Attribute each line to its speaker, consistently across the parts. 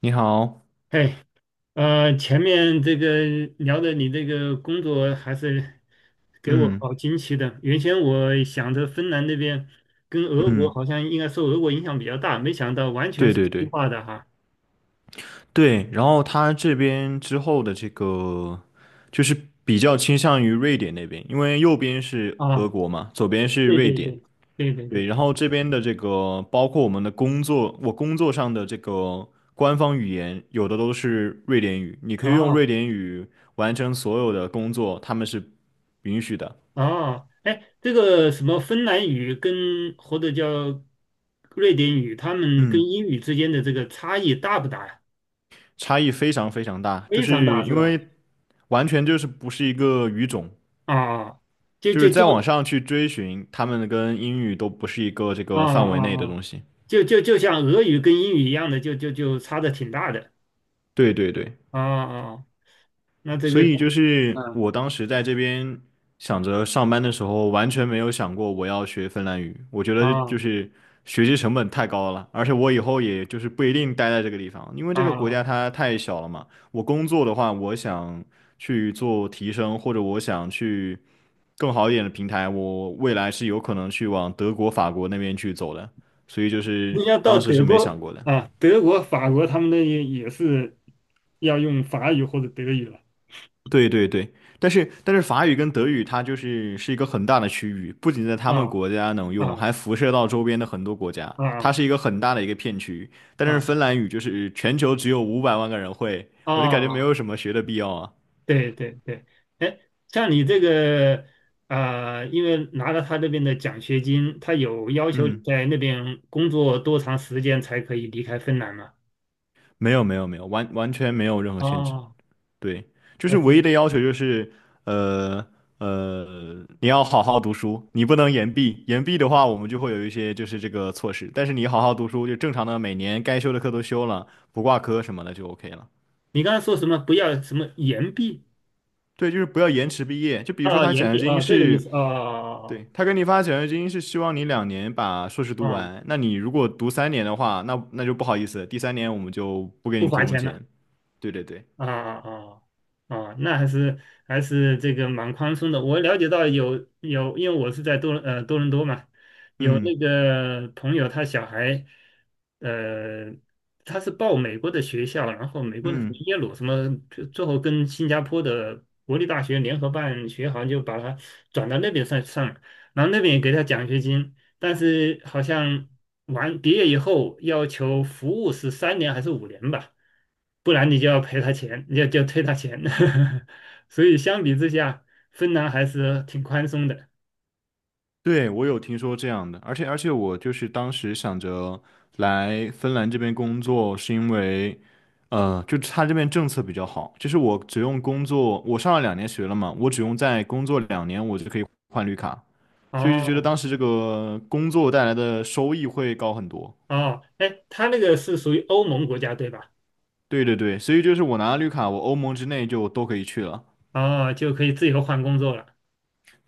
Speaker 1: 你好，
Speaker 2: 哎，前面这个聊的你这个工作还是给我
Speaker 1: 嗯
Speaker 2: 好惊奇的。原先我想着芬兰那边跟俄国
Speaker 1: 嗯，
Speaker 2: 好像应该受俄国影响比较大，没想到完全
Speaker 1: 对
Speaker 2: 是
Speaker 1: 对
Speaker 2: 西
Speaker 1: 对
Speaker 2: 化的哈。
Speaker 1: 对，然后他这边之后的这个就是比较倾向于瑞典那边，因为右边是俄
Speaker 2: 啊，
Speaker 1: 国嘛，左边是
Speaker 2: 对
Speaker 1: 瑞
Speaker 2: 对
Speaker 1: 典，
Speaker 2: 对对对
Speaker 1: 对，
Speaker 2: 对，
Speaker 1: 然后这边的这个包括我们的工作，我工作上的这个官方语言有的都是瑞典语，你可以用瑞
Speaker 2: 哦
Speaker 1: 典语完成所有的工作，他们是允许的。
Speaker 2: 哦。哎，这个什么芬兰语跟或者叫瑞典语，他们跟
Speaker 1: 嗯，
Speaker 2: 英语之间的这个差异大不大呀？
Speaker 1: 差异非常非常大，就
Speaker 2: 非常大
Speaker 1: 是
Speaker 2: 是
Speaker 1: 因
Speaker 2: 吧？
Speaker 1: 为完全就是不是一个语种。
Speaker 2: 啊，就
Speaker 1: 就是
Speaker 2: 就就
Speaker 1: 再往上去追寻，他们跟英语都不是一个这
Speaker 2: 啊
Speaker 1: 个范围内的
Speaker 2: 啊啊！
Speaker 1: 东西。
Speaker 2: 就像俄语跟英语一样的，就差的挺大的。
Speaker 1: 对对对，
Speaker 2: 啊啊，那这
Speaker 1: 所
Speaker 2: 个
Speaker 1: 以就是
Speaker 2: 嗯，
Speaker 1: 我当时在这边想着上班的时候，完全没有想过我要学芬兰语。我觉得就
Speaker 2: 啊
Speaker 1: 是学习成本太高了，而且我以后也就是不一定待在这个地方，因为这个国
Speaker 2: 啊，
Speaker 1: 家它太小了嘛。我工作的话，我想去做提升，或者我想去。更好一点的平台，我未来是有可能去往德国、法国那边去走的，所以就
Speaker 2: 你
Speaker 1: 是
Speaker 2: 要到
Speaker 1: 当时是
Speaker 2: 德
Speaker 1: 没想
Speaker 2: 国
Speaker 1: 过的。
Speaker 2: 啊，德国、法国他们那也是要用法语或者德语了。
Speaker 1: 对对对，但是法语跟德语它就是一个很大的区域，不仅在他们
Speaker 2: 啊
Speaker 1: 国家能用，还
Speaker 2: 啊
Speaker 1: 辐射到周边的很多国家，它
Speaker 2: 啊
Speaker 1: 是一个很大的一个片区。但是
Speaker 2: 啊
Speaker 1: 芬兰语就是全球只有500万个人会，我就感觉没
Speaker 2: 啊，
Speaker 1: 有什么学的必要啊。
Speaker 2: 对对对。哎，像你这个啊，因为拿了他那边的奖学金，他有要求你
Speaker 1: 嗯，
Speaker 2: 在那边工作多长时间才可以离开芬兰吗？
Speaker 1: 没有没有没有，完完全没有任何限制。
Speaker 2: 啊，
Speaker 1: 对，就
Speaker 2: 还
Speaker 1: 是唯一
Speaker 2: 是。
Speaker 1: 的要求就是，呃你要好好读书，你不能延毕。延毕的话，我们就会有一些就是这个措施。但是你好好读书，就正常的每年该修的课都修了，不挂科什么的就 OK 了。
Speaker 2: 你刚才说什么？不要什么岩壁？
Speaker 1: 对，就是不要延迟毕业。就比如说
Speaker 2: 啊，
Speaker 1: 他
Speaker 2: 岩
Speaker 1: 奖学
Speaker 2: 壁
Speaker 1: 金
Speaker 2: 啊，这个意
Speaker 1: 是，
Speaker 2: 思啊。
Speaker 1: 对，他给你发奖学金是希望你两年把硕士读
Speaker 2: 啊，
Speaker 1: 完。那你如果读三年的话，那就不好意思，第三年我们就不给
Speaker 2: 不
Speaker 1: 你提
Speaker 2: 罚
Speaker 1: 供
Speaker 2: 钱的。
Speaker 1: 钱。对对对，
Speaker 2: 啊啊啊！那还是还是这个蛮宽松的。我了解到有，因为我是在多伦多嘛，有那
Speaker 1: 嗯
Speaker 2: 个朋友他小孩。呃，他是报美国的学校，然后美国的什么
Speaker 1: 嗯。
Speaker 2: 耶鲁什么，最后跟新加坡的国立大学联合办学，好像就把他转到那边上了，然后那边也给他奖学金，但是好像完毕业以后要求服务是三年还是五年吧。不然你就要赔他钱，你就退他钱。所以相比之下，芬兰还是挺宽松的。
Speaker 1: 对，我有听说这样的，而且我就是当时想着来芬兰这边工作，是因为，就他这边政策比较好，就是我只用工作，我上了两年学了嘛，我只用再工作两年，我就可以换绿卡，所以就觉得
Speaker 2: 哦
Speaker 1: 当时这个工作带来的收益会高很多。
Speaker 2: 哦。哎，他那个是属于欧盟国家对吧？
Speaker 1: 对对对，所以就是我拿了绿卡，我欧盟之内就都可以去了。
Speaker 2: 哦，就可以自由换工作了。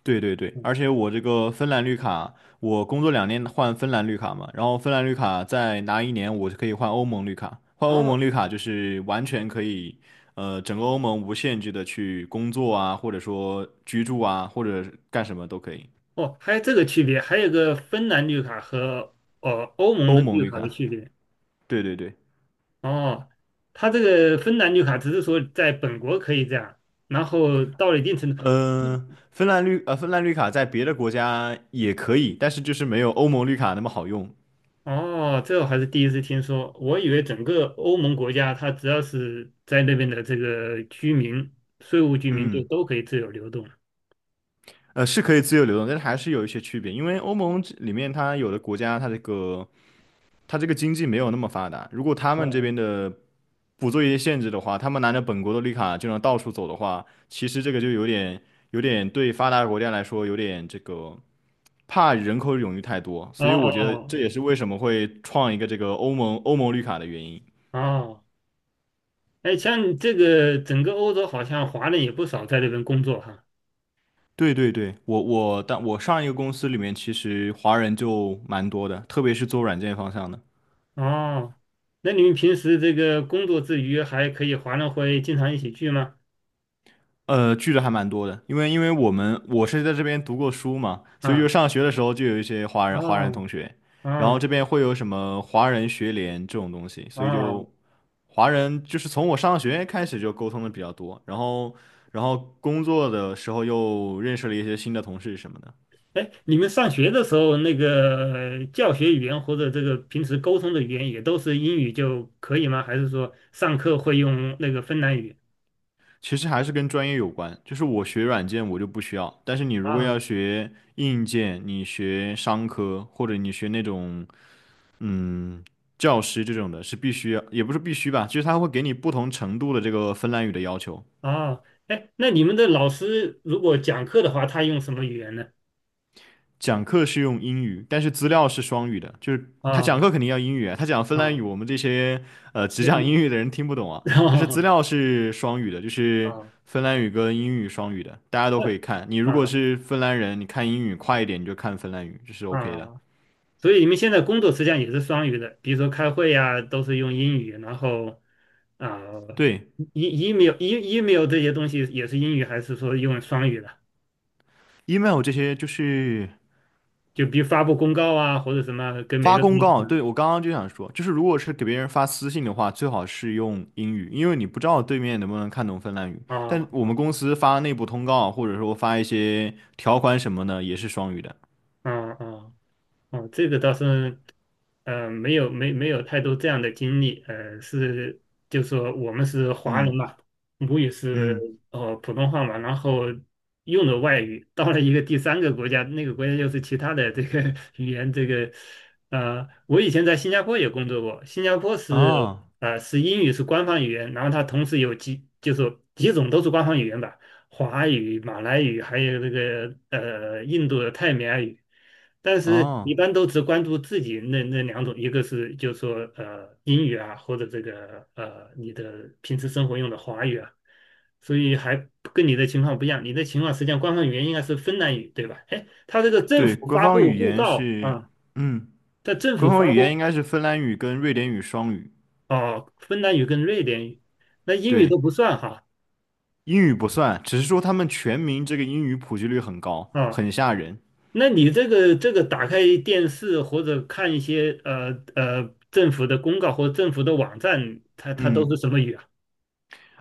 Speaker 1: 对对对，
Speaker 2: 嗯，
Speaker 1: 而且我这个芬兰绿卡，我工作两年换芬兰绿卡嘛，然后芬兰绿卡再拿一年，我就可以换欧盟绿卡。换欧盟
Speaker 2: 哦
Speaker 1: 绿卡就是完全可以，整个欧盟无限制的去工作啊，或者说居住啊，或者干什么都可以。
Speaker 2: 哦，还有这个区别，还有个芬兰绿卡和哦欧盟
Speaker 1: 欧
Speaker 2: 的
Speaker 1: 盟
Speaker 2: 绿
Speaker 1: 绿
Speaker 2: 卡的
Speaker 1: 卡，
Speaker 2: 区别。
Speaker 1: 对对对，
Speaker 2: 哦，他这个芬兰绿卡只是说在本国可以这样，然后到了一定程度。
Speaker 1: 芬兰绿卡在别的国家也可以，但是就是没有欧盟绿卡那么好用。
Speaker 2: 哦，这我还是第一次听说。我以为整个欧盟国家，它只要是在那边的这个居民、税务居民，就
Speaker 1: 嗯，
Speaker 2: 都可以自由流动。
Speaker 1: 是可以自由流动，但是还是有一些区别，因为欧盟这里面它有的国家它这个他这个经济没有那么发达，如果他
Speaker 2: 哦
Speaker 1: 们这边的不做一些限制的话，他们拿着本国的绿卡就能到处走的话，其实这个就有点对发达国家来说有点这个怕人口涌入太多，
Speaker 2: 哦
Speaker 1: 所以我觉得这
Speaker 2: 哦
Speaker 1: 也是为什么会创一个这个欧盟绿卡的原因。
Speaker 2: 哦。哎，像你这个整个欧洲，好像华人也不少在那边工作哈。
Speaker 1: 对对对，但我上一个公司里面其实华人就蛮多的，特别是做软件方向的。
Speaker 2: 哦，那你们平时这个工作之余，还可以华人会经常一起聚吗？
Speaker 1: 聚的还蛮多的，因为我们我是在这边读过书嘛，所以就
Speaker 2: 啊
Speaker 1: 上学的时候就有一些华人
Speaker 2: 啊
Speaker 1: 同学，
Speaker 2: 啊啊！
Speaker 1: 然后这
Speaker 2: 哦
Speaker 1: 边会有什么华人学联这种东西，
Speaker 2: 哦哦
Speaker 1: 所以
Speaker 2: 哦。
Speaker 1: 就华人就是从我上学开始就沟通的比较多，然后工作的时候又认识了一些新的同事什么的，
Speaker 2: 哎，你们上学的时候，那个教学语言或者这个平时沟通的语言也都是英语就可以吗？还是说上课会用那个芬兰语？
Speaker 1: 其实还是跟专业有关，就是我学软件我就不需要，但是你如果要
Speaker 2: 啊
Speaker 1: 学硬件，你学商科或者你学那种。嗯，教师这种的是必须，也不是必须吧，就是他会给你不同程度的这个芬兰语的要求。
Speaker 2: 啊。哎，那你们的老师如果讲课的话，他用什么语言呢？
Speaker 1: 讲课是用英语，但是资料是双语的，就是他讲
Speaker 2: 啊
Speaker 1: 课肯定要英语啊，他讲芬兰
Speaker 2: 啊，
Speaker 1: 语，我们这些只
Speaker 2: 你
Speaker 1: 讲英
Speaker 2: 你
Speaker 1: 语的人听不懂啊。但是资
Speaker 2: 啊
Speaker 1: 料是双语的，就是
Speaker 2: 啊
Speaker 1: 芬兰语跟英语双语的，大家都可以看。你如果
Speaker 2: 啊
Speaker 1: 是芬兰人，你看英语快一点，你就看芬兰语，这是 OK
Speaker 2: 啊。
Speaker 1: 的。
Speaker 2: 所以你们现在工作实际上也是双语的，比如说开会呀、都是用英语，然后啊
Speaker 1: 对
Speaker 2: ，e email e email 这些东西也是英语，还是说用双语的？
Speaker 1: ，email 这些就是。
Speaker 2: 就比如发布公告啊，或者什么，跟每
Speaker 1: 发
Speaker 2: 个同
Speaker 1: 公
Speaker 2: 事。
Speaker 1: 告，对，我刚刚就想说，就是如果是给别人发私信的话，最好是用英语，因为你不知道对面能不能看懂芬兰语。
Speaker 2: 啊
Speaker 1: 但我们
Speaker 2: 啊
Speaker 1: 公司发内部通告，或者说发一些条款什么的，也是双语的。
Speaker 2: 啊啊啊，这个倒是没有没没有太多这样的经历。是就说我们是华人
Speaker 1: 嗯
Speaker 2: 嘛，母语是
Speaker 1: 嗯，
Speaker 2: 普通话嘛，然后用的外语，到了一个第三个国家，那个国家又是其他的这个 语言。这个我以前在新加坡也工作过，新加坡
Speaker 1: 啊
Speaker 2: 是英语是官方语言，然后它同时有几就是几种都是官方语言吧。华语、马来语，还有这个印度的泰米尔语，但是一
Speaker 1: 啊，
Speaker 2: 般都只关注自己那两种，一个是就是说英语啊，或者这个你的平时生活用的华语啊。所以还跟你的情况不一样。你的情况实际上官方语言应该是芬兰语，对吧？哎，他这个政
Speaker 1: 对，
Speaker 2: 府
Speaker 1: 官
Speaker 2: 发
Speaker 1: 方
Speaker 2: 布
Speaker 1: 语
Speaker 2: 公
Speaker 1: 言
Speaker 2: 告
Speaker 1: 是，
Speaker 2: 啊，
Speaker 1: 嗯，
Speaker 2: 在政
Speaker 1: 官
Speaker 2: 府
Speaker 1: 方
Speaker 2: 发
Speaker 1: 语言应
Speaker 2: 布。
Speaker 1: 该是芬兰语跟瑞典语双语。
Speaker 2: 哦，芬兰语跟瑞典语，那英语都
Speaker 1: 对，
Speaker 2: 不算哈。
Speaker 1: 英语不算，只是说他们全民这个英语普及率很高，
Speaker 2: 啊。
Speaker 1: 很吓人。
Speaker 2: 那你这个这个打开电视或者看一些政府的公告或政府的网站，它它都是
Speaker 1: 嗯。
Speaker 2: 什么语啊？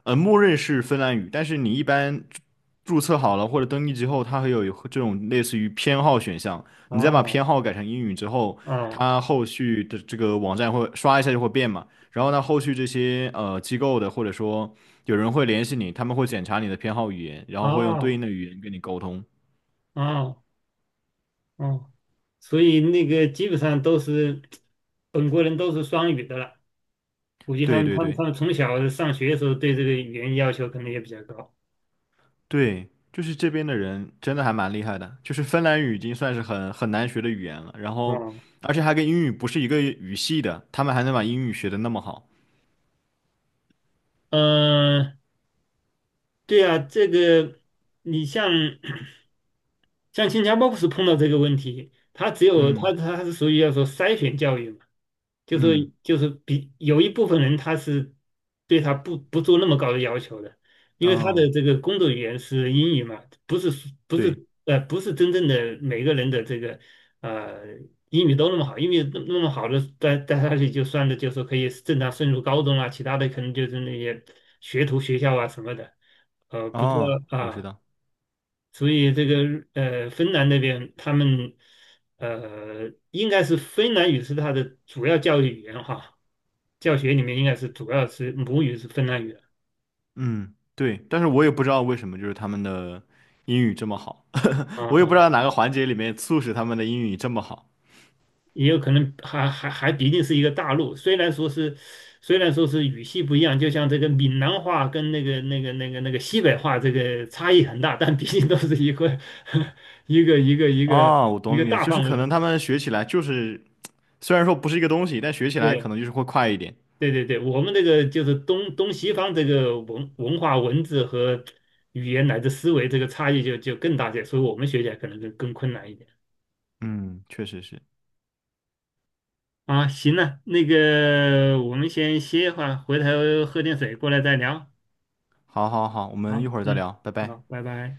Speaker 1: 默认是芬兰语，但是你一般注册好了或者登记之后，它会有这种类似于偏好选项。你再把
Speaker 2: 哦
Speaker 1: 偏好改成英语之后，
Speaker 2: 哦
Speaker 1: 它后续的这个网站会刷一下就会变嘛。然后呢，后续这些机构的或者说有人会联系你，他们会检查你的偏好语言，然后会用对应
Speaker 2: 哦
Speaker 1: 的语言跟你沟通。
Speaker 2: 哦哦，所以那个基本上都是本国人都是双语的了。估计他
Speaker 1: 对
Speaker 2: 们他
Speaker 1: 对
Speaker 2: 们
Speaker 1: 对。
Speaker 2: 他们从小上学的时候对这个语言要求可能也比较高。
Speaker 1: 对，就是这边的人真的还蛮厉害的，就是芬兰语已经算是很难学的语言了，然后
Speaker 2: 哦，
Speaker 1: 而且还跟英语不是一个语系的，他们还能把英语学得那么好。
Speaker 2: 呃，对啊，这个你像。像新加坡不是碰到这个问题，他只有他
Speaker 1: 嗯
Speaker 2: 他是属于要说筛选教育嘛，就是
Speaker 1: 嗯，
Speaker 2: 就是比有一部分人他是对他不做那么高的要求的，因为他的
Speaker 1: 哦，
Speaker 2: 这个工作语言是英语嘛，不是不是
Speaker 1: 对，
Speaker 2: 不是真正的每个人的这个呃英语都那么好，英语那么好的带下去就算的就是可以正常升入高中啊，其他的可能就是那些学徒学校啊什么的。不知
Speaker 1: 哦，
Speaker 2: 道
Speaker 1: 我知
Speaker 2: 啊。
Speaker 1: 道，
Speaker 2: 所以这个芬兰那边他们应该是芬兰语是他的主要教育语言哈，教学里面应该是主要是母语是芬兰语。
Speaker 1: 嗯，对，但是我也不知道为什么就是他们的英语这么好，
Speaker 2: 啊，
Speaker 1: 我也不
Speaker 2: 啊，
Speaker 1: 知道哪个环节里面促使他们的英语这么好。
Speaker 2: 也有可能还毕竟是一个大陆，虽然说是虽然说是语系不一样，就像这个闽南话跟那个西北话这个差异很大，但毕竟都是一个 一个
Speaker 1: 哦，我
Speaker 2: 一个
Speaker 1: 懂你的，
Speaker 2: 大
Speaker 1: 就是
Speaker 2: 范围
Speaker 1: 可
Speaker 2: 的。
Speaker 1: 能他们学起来就是虽然说不是一个东西，但学起来可
Speaker 2: 对。
Speaker 1: 能就是会快一点。
Speaker 2: 对对对，我们这个就是东西方这个文化、文字和语言乃至思维这个差异就更大些，所以我们学起来可能就更困难一点。
Speaker 1: 嗯，确实是。
Speaker 2: 啊。行了，那个我们先歇一会儿，回头喝点水过来再聊。
Speaker 1: 好好好，我
Speaker 2: 好，
Speaker 1: 们一会儿再
Speaker 2: 嗯，
Speaker 1: 聊，拜拜。
Speaker 2: 好，拜拜。